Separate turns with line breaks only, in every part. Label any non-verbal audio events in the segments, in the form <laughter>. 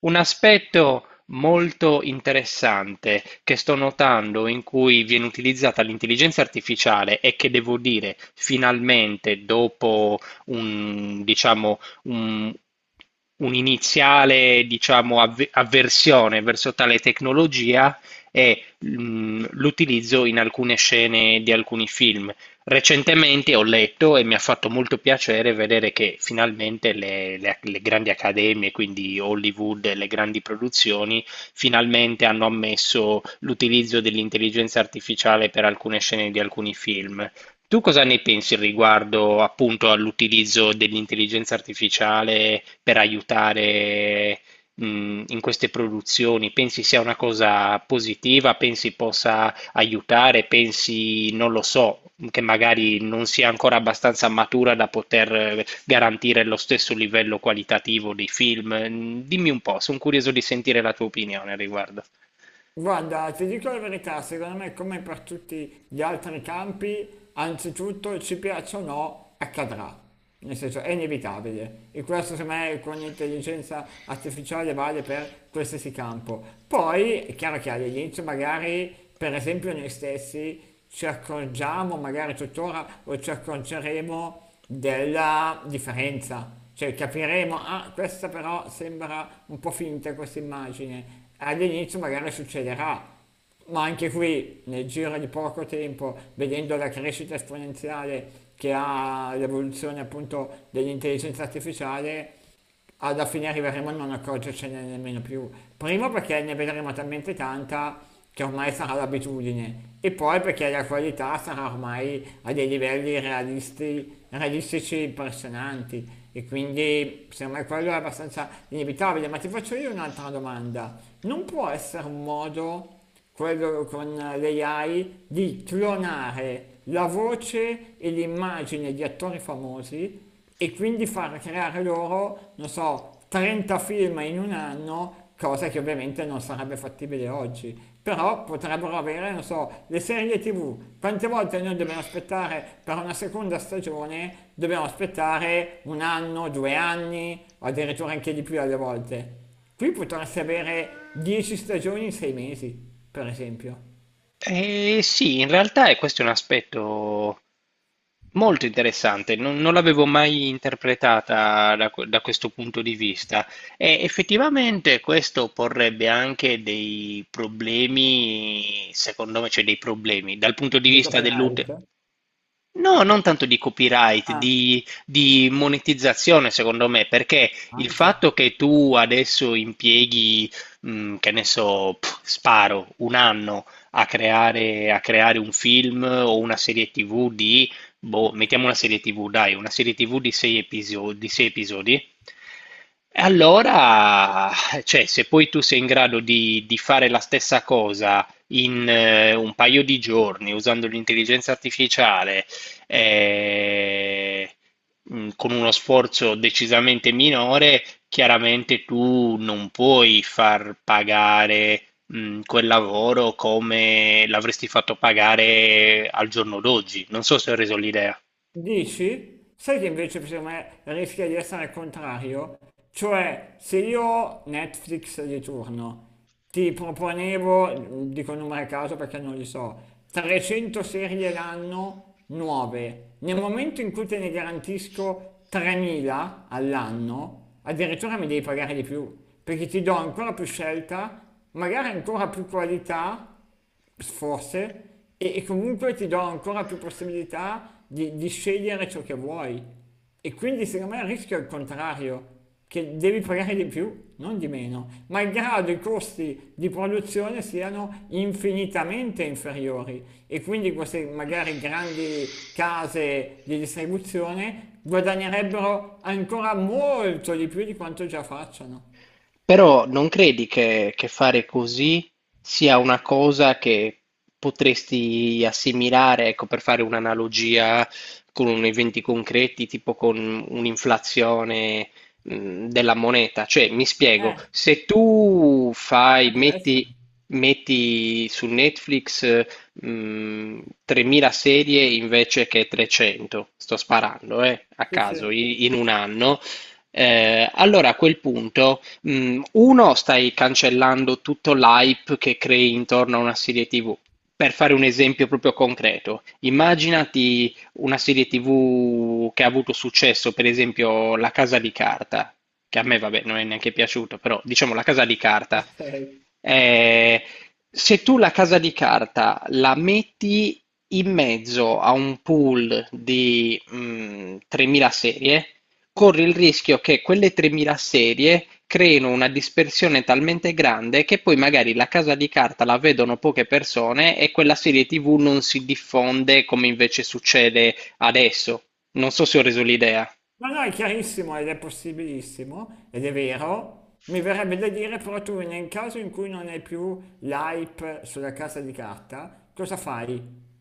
Un aspetto molto interessante che sto notando in cui viene utilizzata l'intelligenza artificiale, e che devo dire finalmente dopo un, diciamo, un, un'iniziale, diciamo, avversione verso tale tecnologia è l'utilizzo in alcune scene di alcuni film. Recentemente ho letto e mi ha fatto molto piacere vedere che finalmente le grandi accademie, quindi Hollywood e le grandi produzioni, finalmente hanno ammesso l'utilizzo dell'intelligenza artificiale per alcune scene di alcuni film. Tu cosa ne pensi riguardo appunto all'utilizzo dell'intelligenza artificiale per aiutare in queste produzioni? Pensi sia una cosa positiva? Pensi possa aiutare? Pensi, non lo so, che magari non sia ancora abbastanza matura da poter garantire lo stesso livello qualitativo dei film? Dimmi un po', sono curioso di sentire la tua opinione al riguardo.
Guarda, ti dico la verità, secondo me come per tutti gli altri campi, anzitutto ci piaccia o no, accadrà. Nel senso, è inevitabile. E questo secondo me con l'intelligenza artificiale vale per qualsiasi campo. Poi è chiaro che all'inizio magari, per esempio noi stessi, ci accorgiamo, magari tuttora, o ci accorgeremo della differenza. Cioè capiremo, ah, questa però sembra un po' finta questa immagine, all'inizio magari succederà, ma anche qui nel giro di poco tempo, vedendo la crescita esponenziale che ha l'evoluzione appunto dell'intelligenza artificiale, alla fine arriveremo a non accorgercene nemmeno più. Primo perché ne vedremo talmente tanta che ormai sarà l'abitudine, e poi perché la qualità sarà ormai a dei livelli realistici impressionanti. E quindi secondo me quello è abbastanza inevitabile. Ma ti faccio io un'altra domanda. Non può essere un modo quello con l'AI, di clonare la voce e l'immagine di attori famosi e quindi far creare loro, non so, 30 film in un anno, cosa che ovviamente non sarebbe fattibile oggi. Però potrebbero avere, non so, le serie TV. Quante volte noi dobbiamo aspettare per una seconda stagione? Dobbiamo aspettare un anno, due anni, o addirittura anche di più alle volte. Qui potresti avere 10 stagioni in 6 mesi, per esempio.
Eh sì, in realtà è questo è un aspetto molto interessante, non l'avevo mai interpretata da questo punto di vista, e effettivamente questo porrebbe anche dei problemi, secondo me, cioè dei problemi dal punto di
Di
vista
copyright?
dell'utente. No, non tanto di copyright,
Ah,
di monetizzazione, secondo me, perché il
anche.
fatto che tu adesso impieghi, che ne so, pff, sparo, un anno a creare un film o una serie TV di, boh, mettiamo una serie TV, dai, una serie TV di sei episodi, di sei episodi. E allora, cioè, se poi tu sei in grado di fare la stessa cosa in un paio di giorni usando l'intelligenza artificiale, eh, con uno sforzo decisamente minore, chiaramente tu non puoi far pagare quel lavoro come l'avresti fatto pagare al giorno d'oggi. Non so se ho reso l'idea.
Dici? Sai che invece secondo me rischia di essere il contrario? Cioè, se io Netflix di turno ti proponevo, dico numero a caso perché non li so, 300 serie l'anno nuove, nel momento in cui te ne garantisco 3.000 all'anno, addirittura mi devi pagare di più, perché ti do ancora più scelta, magari ancora più qualità forse, e comunque ti do ancora più possibilità di scegliere ciò che vuoi. E quindi secondo me il rischio è il contrario, che devi pagare di più, non di meno, malgrado i costi di produzione siano infinitamente inferiori. E quindi queste magari grandi case di distribuzione guadagnerebbero ancora molto di più di quanto già facciano.
Però non credi che fare così sia una cosa che potresti assimilare, ecco, per fare un'analogia con eventi concreti, tipo con un'inflazione, della moneta? Cioè, mi spiego,
Eh,
se tu fai,
può essere.
metti, metti su Netflix, mh, 3000 serie invece che 300, sto sparando, a
Sì, sì,
caso, in un anno, allora a quel punto, uno, stai cancellando tutto l'hype che crei intorno a una serie TV. Per fare un esempio proprio concreto, immaginati una serie TV che ha avuto successo, per esempio La Casa di Carta, che a me, vabbè, non è neanche piaciuto, però diciamo La Casa di Carta.
ok.
Eh, se tu La Casa di Carta la metti in mezzo a un pool di 3000 serie, corre il rischio che quelle tremila serie creino una dispersione talmente grande che poi magari la casa di carta la vedono poche persone e quella serie TV non si diffonde come invece succede adesso. Non so se ho reso l'idea.
No, no, è chiarissimo ed è possibilissimo, ed è vero. Mi verrebbe da dire però tu nel caso in cui non hai più l'hype sulla casa di carta, cosa fai?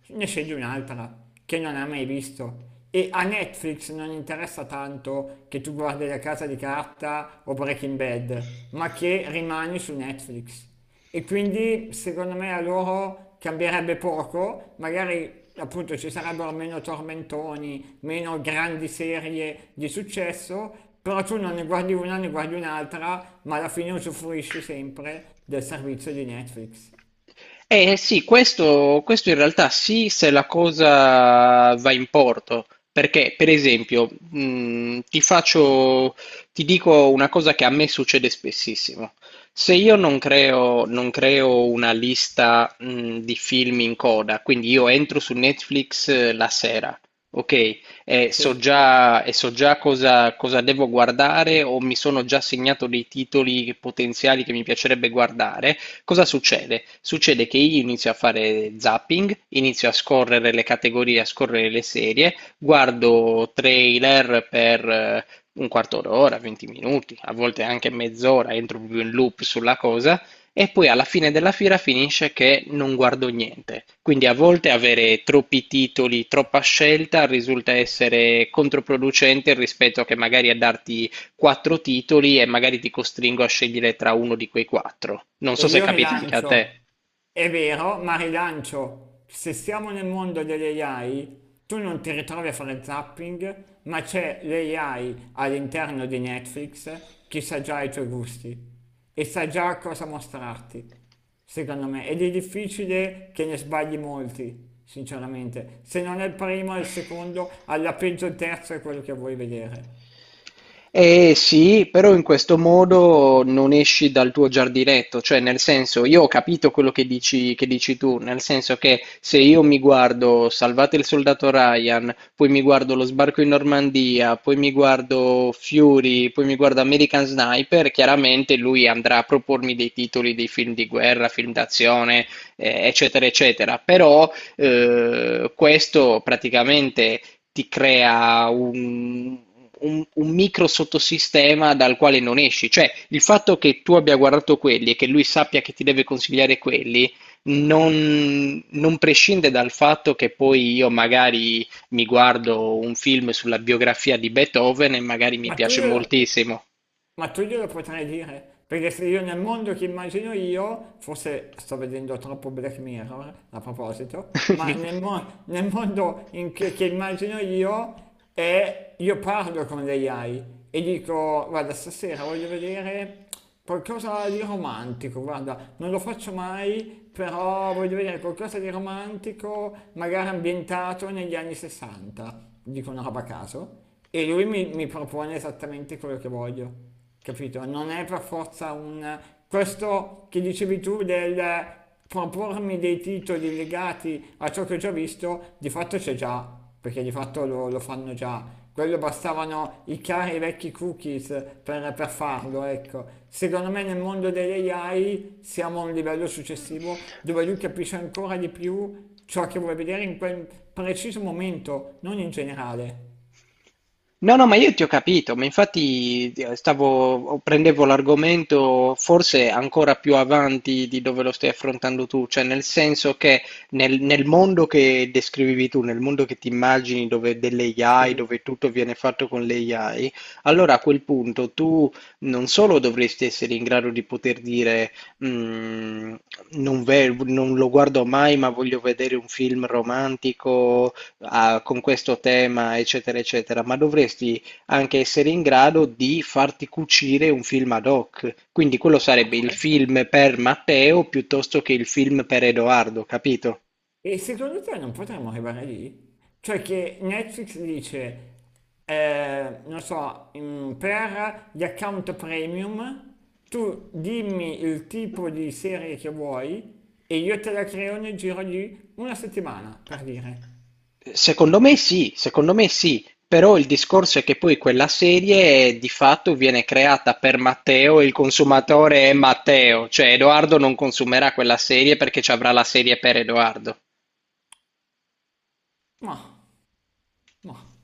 Ne scegli un'altra che non hai mai visto. E a Netflix non interessa tanto che tu guardi la casa di carta o Breaking Bad, ma che rimani su Netflix. E quindi secondo me a loro cambierebbe poco, magari appunto ci sarebbero meno tormentoni, meno grandi serie di successo, però tu non ne guardi una, ne guardi un'altra, ma alla fine usufruisci sempre del servizio di Netflix.
Eh sì, questo in realtà sì, se la cosa va in porto, perché per esempio, ti dico una cosa che a me succede spessissimo. Se io non creo una lista, di film in coda, quindi io entro su Netflix la sera, ok?
Sì.
E so già cosa devo guardare, o mi sono già segnato dei titoli potenziali che mi piacerebbe guardare. Cosa succede? Succede che io inizio a fare zapping, inizio a scorrere le categorie, a scorrere le serie, guardo trailer per un quarto d'ora, 20 minuti, a volte anche mezz'ora, entro proprio in loop sulla cosa, e poi alla fine della fiera finisce che non guardo niente. Quindi a volte avere troppi titoli, troppa scelta risulta essere controproducente rispetto a che magari a darti quattro titoli e magari ti costringo a scegliere tra uno di quei quattro. Non
E
so se
io
capita anche a te.
rilancio, è vero, ma rilancio, se siamo nel mondo delle AI, tu non ti ritrovi a fare zapping, ma c'è l'AI all'interno di Netflix che sa già i tuoi gusti e sa già cosa mostrarti, secondo me. Ed è difficile che ne sbagli molti, sinceramente. Se non è il primo, è il secondo, alla peggio il terzo è quello che vuoi vedere.
Eh sì, però in questo modo non esci dal tuo giardinetto, cioè nel senso, io ho capito quello che dici tu, nel senso che se io mi guardo Salvate il Soldato Ryan, poi mi guardo Lo Sbarco in Normandia, poi mi guardo Fury, poi mi guardo American Sniper, chiaramente lui andrà a propormi dei titoli dei film di guerra, film d'azione, eccetera, eccetera, però questo praticamente ti crea un micro sottosistema dal quale non esci. Cioè, il fatto che tu abbia guardato quelli e che lui sappia che ti deve consigliare quelli, non prescinde dal fatto che poi io magari mi guardo un film sulla biografia di Beethoven e magari mi
Ma tu
piace
glielo,
moltissimo.
Ma tu glielo potrai dire, perché se io nel mondo che immagino io, forse sto vedendo troppo Black Mirror a proposito, ma
<laughs>
nel mondo in che immagino io è, io parlo con l'AI e dico, guarda, stasera voglio vedere qualcosa di romantico, guarda, non lo faccio mai, però voglio vedere qualcosa di romantico, magari ambientato negli anni 60, dico una roba a caso, e lui mi propone esattamente quello che voglio, capito? Non è per forza un... Questo che dicevi tu del propormi dei titoli legati a ciò che ho già visto, di fatto c'è già, perché di fatto lo fanno già. Quello bastavano i cari vecchi cookies per, farlo, ecco. Secondo me nel mondo delle AI siamo a un livello successivo dove lui capisce ancora di più ciò che vuole vedere in quel preciso momento, non in generale.
No, no, ma io ti ho capito, ma infatti prendevo l'argomento forse ancora più avanti di dove lo stai affrontando tu, cioè nel senso che nel mondo che descrivevi tu, nel mondo che ti immagini dove delle
<laughs>
AI,
Sì.
dove tutto viene fatto con le AI, allora a quel punto tu non solo dovresti essere in grado di poter dire: "Mm, non lo guardo mai, ma voglio vedere un film romantico con questo tema, eccetera, eccetera", ma dovresti anche essere in grado di farti cucire un film ad hoc. Quindi quello
Ah,
sarebbe
può
il
essere.
film per Matteo piuttosto che il film per Edoardo, capito?
E secondo te non potremmo arrivare lì? Cioè che Netflix dice, non so, mm, per gli account premium tu dimmi il tipo di serie che vuoi e io te la creo nel giro di una settimana, per dire.
Secondo me sì, però il discorso è che poi quella serie di fatto viene creata per Matteo e il consumatore è Matteo, cioè Edoardo non consumerà quella serie perché ci avrà la serie per Edoardo.
Ma, ma,